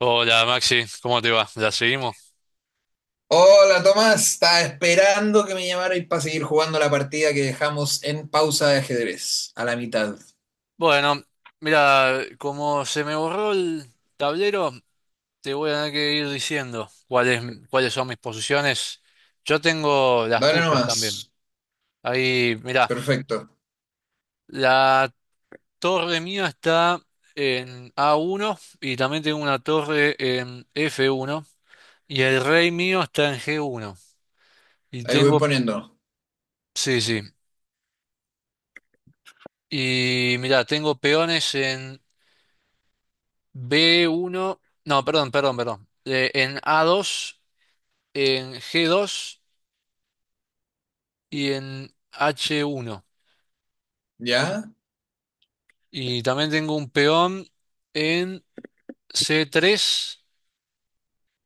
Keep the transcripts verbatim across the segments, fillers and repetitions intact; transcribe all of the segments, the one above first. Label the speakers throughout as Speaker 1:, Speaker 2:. Speaker 1: Hola Maxi, ¿cómo te va? ¿Ya seguimos?
Speaker 2: Hola Tomás, estaba esperando que me llamarais para seguir jugando la partida que dejamos en pausa de ajedrez, a la mitad.
Speaker 1: Bueno, mira, como se me borró el tablero, te voy a tener que ir diciendo cuáles, cuáles son mis posiciones. Yo tengo las
Speaker 2: Dale
Speaker 1: tuyas también.
Speaker 2: nomás.
Speaker 1: Ahí, mira,
Speaker 2: Perfecto.
Speaker 1: la torre mía está en a uno y también tengo una torre en efe uno y el rey mío está en ge uno. Y
Speaker 2: Ahí voy
Speaker 1: tengo,
Speaker 2: poniendo.
Speaker 1: sí, sí. Y mira, tengo peones en be uno, no, perdón, perdón, perdón. Eh, en a dos, en ge dos y en hache uno.
Speaker 2: Ya,
Speaker 1: Y también tengo un peón en ce tres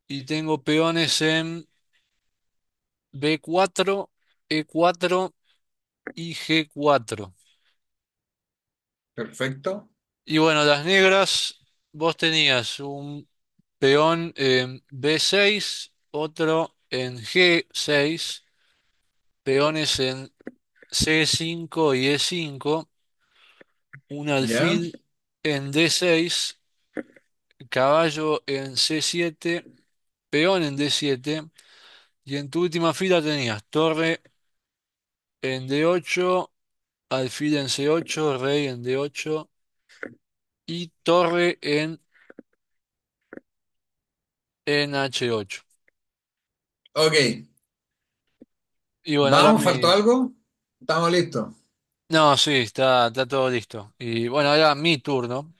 Speaker 1: y tengo peones en be cuatro, e cuatro y ge cuatro.
Speaker 2: perfecto.
Speaker 1: Y bueno, las negras, vos tenías un peón en be seis, otro en ge seis, peones en ce cinco y e cinco. Un
Speaker 2: Ya.
Speaker 1: alfil en de seis, caballo en ce siete, peón en de siete, y en tu última fila tenías torre en de ocho, alfil en ce ocho, rey en de ocho y torre en, en hache ocho.
Speaker 2: Ok,
Speaker 1: Y bueno, ahora,
Speaker 2: vamos, ¿faltó
Speaker 1: mi
Speaker 2: algo? Estamos listos.
Speaker 1: no, sí, está, está todo listo. Y bueno, ahora mi turno.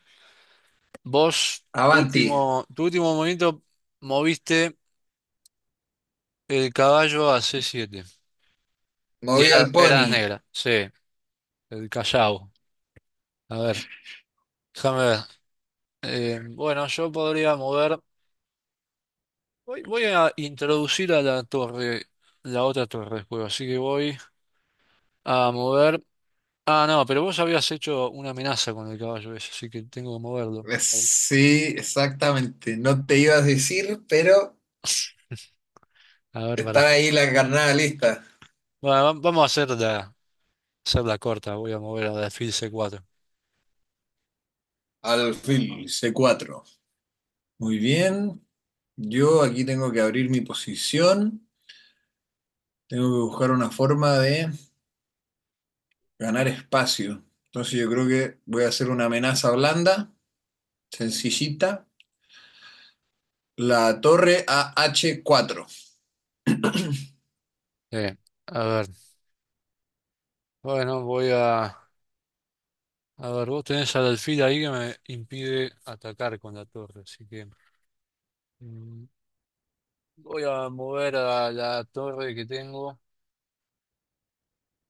Speaker 1: Vos, tu
Speaker 2: Avanti,
Speaker 1: último, tu último movimiento, moviste el caballo a ce siete. Y
Speaker 2: moví
Speaker 1: era,
Speaker 2: al
Speaker 1: era
Speaker 2: pony.
Speaker 1: negra, sí, el Callao. A ver. Déjame ver. Eh, bueno, yo podría mover. Voy, voy a introducir a la torre, la otra torre del juego, así que voy a mover. Ah, no, pero vos habías hecho una amenaza con el caballo ese, así que tengo que moverlo.
Speaker 2: Eh, Sí, exactamente. No te ibas a decir, pero
Speaker 1: A ver,
Speaker 2: está
Speaker 1: pará.
Speaker 2: ahí la carnada lista.
Speaker 1: Bueno, va- vamos a hacer la, hacer la corta, voy a mover al alfil ce cuatro.
Speaker 2: Alfil C cuatro. Muy bien. Yo aquí tengo que abrir mi posición. Tengo que buscar una forma de ganar espacio. Entonces yo creo que voy a hacer una amenaza blanda, sencillita. La torre a h cuatro.
Speaker 1: Eh, a ver, bueno, voy a... A ver, vos tenés al alfil ahí que me impide atacar con la torre, así que... mm, voy a mover a la torre que tengo.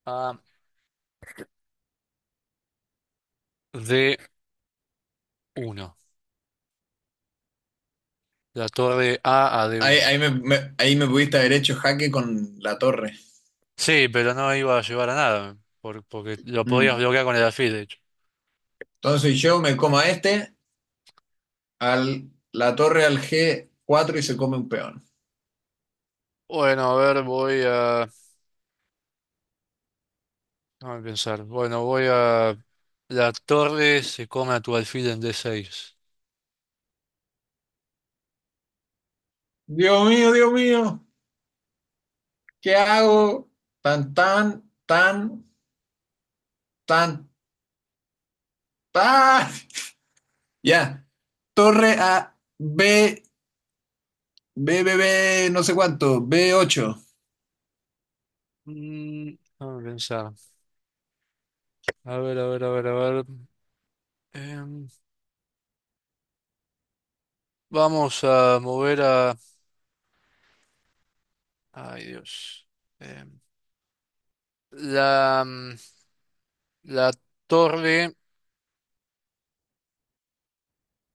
Speaker 1: A, d uno La torre A a d
Speaker 2: Ahí,
Speaker 1: uno
Speaker 2: ahí me, me- ahí me pudiste haber hecho jaque con la torre.
Speaker 1: Sí, pero no iba a llevar a nada, por- porque lo podías
Speaker 2: Mm.
Speaker 1: bloquear con el alfil, de hecho.
Speaker 2: Entonces yo me como a este, al, la torre al g cuatro y se come un peón.
Speaker 1: Bueno, a ver, voy a... Déjame pensar. Bueno, voy a... La torre se come a tu alfil en de seis.
Speaker 2: Dios mío, Dios mío, ¿qué hago? Tan, tan, tan, tan, tan. Ya. Torre a B, B, B, B, no sé cuánto, b ocho.
Speaker 1: Mm, déjame pensar. A ver, a ver, a ver, a ver. Em, Vamos a mover a... Ay, Dios. Em, la, mm, la torre,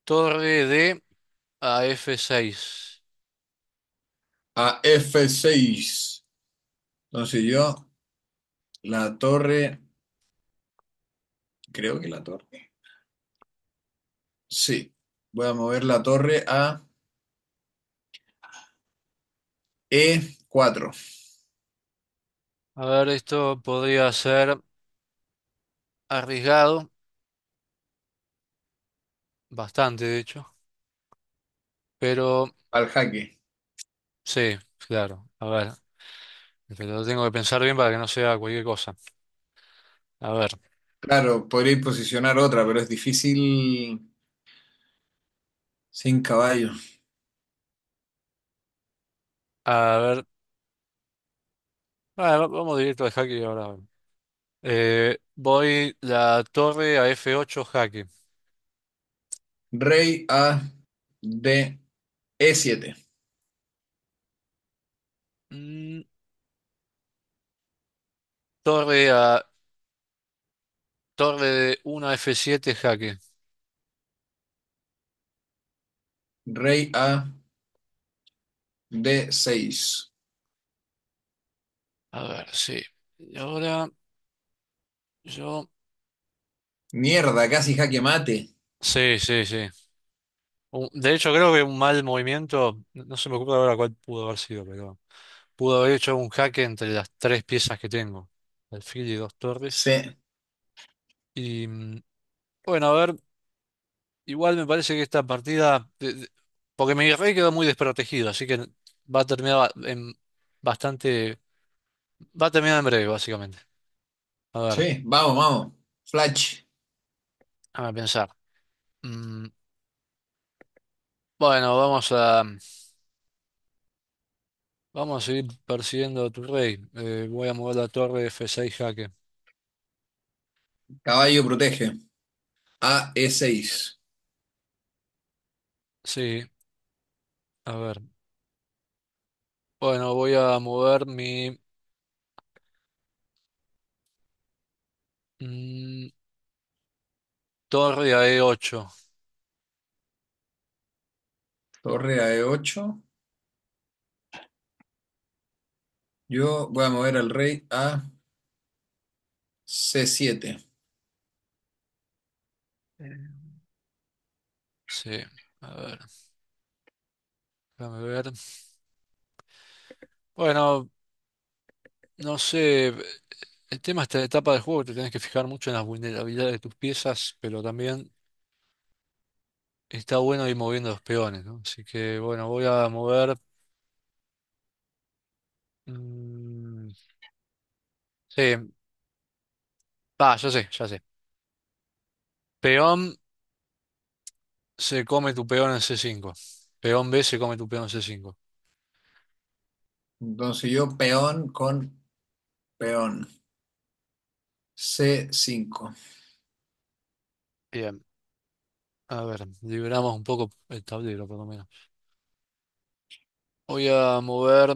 Speaker 1: torre D a efe seis.
Speaker 2: A f seis. Entonces yo, la torre, creo que la torre. Sí. Voy a mover la torre a e cuatro
Speaker 1: A ver, esto podría ser arriesgado, bastante de hecho, pero
Speaker 2: al jaque.
Speaker 1: sí, claro. A ver, pero tengo que pensar bien para que no sea cualquier cosa. A ver,
Speaker 2: Claro, podría posicionar otra, pero es difícil sin caballo.
Speaker 1: a ver, ah, va- vamos directo al jaque ahora. Eh, voy la torre a efe ocho jaque.
Speaker 2: Rey a D, e siete.
Speaker 1: Mm, torre a Torre de uno a efe siete jaque.
Speaker 2: Rey a d seis.
Speaker 1: A ver, sí. Y ahora yo...
Speaker 2: Mierda, casi jaque mate.
Speaker 1: Sí, sí, sí. Un- De hecho, creo que un mal movimiento, no no se me ocurre ahora cuál pudo haber sido, pero... Pudo haber hecho un jaque entre las tres piezas que tengo, alfil y dos torres.
Speaker 2: C.
Speaker 1: Y mm, bueno, a ver, igual me parece que esta partida, de- de- porque mi rey quedó muy desprotegido, así que va a terminar ba- en bastante, va a terminar en breve, básicamente. A ver,
Speaker 2: Sí, vamos, vamos. Flash,
Speaker 1: a pensar. Mm, bueno, vamos a, vamos a seguir persiguiendo a tu rey. Eh, voy a mover la torre efe seis jaque.
Speaker 2: caballo protege. A E seis,
Speaker 1: Sí, a ver. Bueno, voy a mover mi mm, torre a e ocho.
Speaker 2: torre a E ocho. Yo voy a mover al rey a C siete.
Speaker 1: Sí, a ver, déjame ver. Bueno, no sé, el tema de esta etapa del juego, te tenés que fijar mucho en las vulnerabilidades de tus piezas, pero también está bueno ir moviendo los peones, ¿no? Así que bueno, voy a mover... mm, sí, ah, ya sé, ya sé. Peón se come tu peón en ce cinco. Peón B se come tu peón en ce cinco.
Speaker 2: Entonces yo peón con peón. C cinco.
Speaker 1: Bien, a ver, liberamos un poco el tablero por lo menos. Voy a mover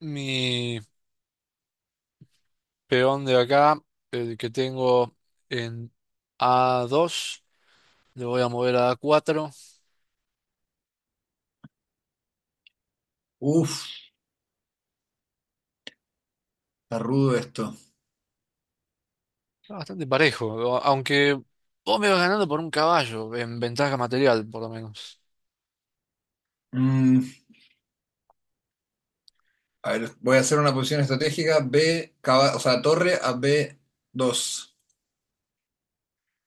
Speaker 1: mi... peón de acá, el que tengo en a dos, le voy a mover a A4.
Speaker 2: Uf, está rudo esto.
Speaker 1: Está bastante parejo, aunque vos me vas ganando por un caballo, en ventaja material, por lo menos.
Speaker 2: Mm, a ver, voy a hacer una posición estratégica B, caba- o sea, torre a B dos.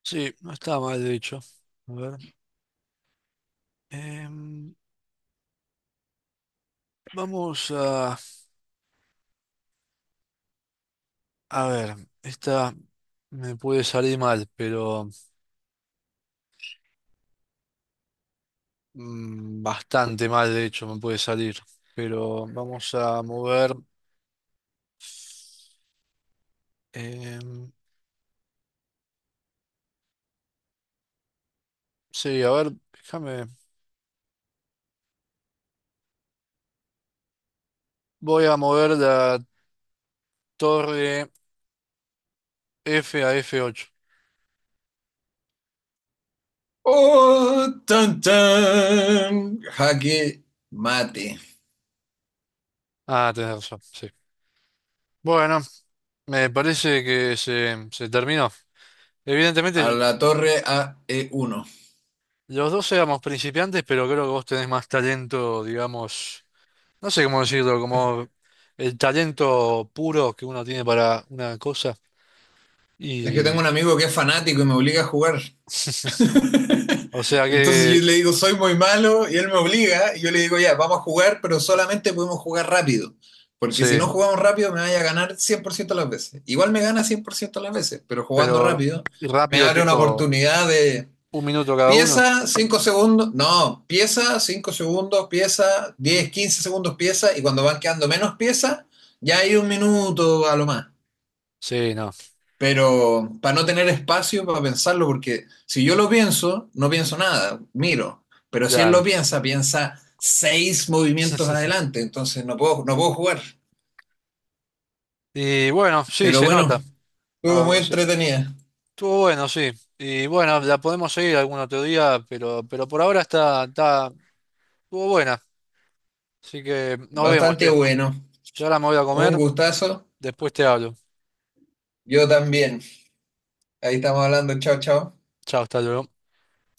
Speaker 1: Sí, no está mal, de hecho. A ver. em, Vamos a... A ver, esta me puede salir mal, pero... mm, bastante mal, de hecho, me puede salir. Pero vamos a mover... em, sí, a ver, déjame... Voy a mover la torre F a efe ocho.
Speaker 2: ¡Oh! ¡Tan, tan! Jaque mate.
Speaker 1: Ah, tenés razón, sí. Bueno, me parece que se, se terminó.
Speaker 2: A
Speaker 1: Evidentemente,
Speaker 2: la torre a E uno.
Speaker 1: los dos éramos principiantes, pero creo que vos tenés más talento, digamos, no sé cómo decirlo, como el talento puro que uno tiene para una cosa.
Speaker 2: Es que tengo un
Speaker 1: Y,
Speaker 2: amigo que es fanático y me obliga a jugar.
Speaker 1: o sea
Speaker 2: Entonces
Speaker 1: que,
Speaker 2: yo le digo, soy muy malo, y él me obliga, y yo le digo, ya, vamos a jugar, pero solamente podemos jugar rápido. Porque
Speaker 1: sí,
Speaker 2: si no jugamos rápido, me vaya a ganar cien por ciento las veces. Igual me gana cien por ciento las veces, pero jugando
Speaker 1: pero
Speaker 2: rápido me
Speaker 1: rápido,
Speaker 2: abre una
Speaker 1: tipo
Speaker 2: oportunidad de
Speaker 1: un minuto cada uno.
Speaker 2: pieza, cinco segundos, no, pieza, cinco segundos, pieza, diez quince segundos, pieza, y cuando van quedando menos piezas, ya hay un minuto a lo más.
Speaker 1: Sí, no,
Speaker 2: Pero para no tener espacio para pensarlo, porque si yo lo pienso, no pienso nada, miro, pero si él lo
Speaker 1: claro.
Speaker 2: piensa, piensa seis movimientos adelante, entonces no puedo, no puedo jugar.
Speaker 1: Y bueno, sí,
Speaker 2: Pero
Speaker 1: se
Speaker 2: bueno,
Speaker 1: nota.
Speaker 2: estuvo muy
Speaker 1: Ah, se-
Speaker 2: entretenida,
Speaker 1: estuvo bueno, sí. Y bueno, la podemos seguir algún otro día, pero, pero por ahora está, está, estuvo buena. Así que nos vemos,
Speaker 2: bastante
Speaker 1: che.
Speaker 2: bueno,
Speaker 1: Yo ahora me voy a
Speaker 2: un
Speaker 1: comer,
Speaker 2: gustazo,
Speaker 1: después te hablo.
Speaker 2: yo también. Ahí estamos hablando, chao, chao.
Speaker 1: Chao, hasta luego.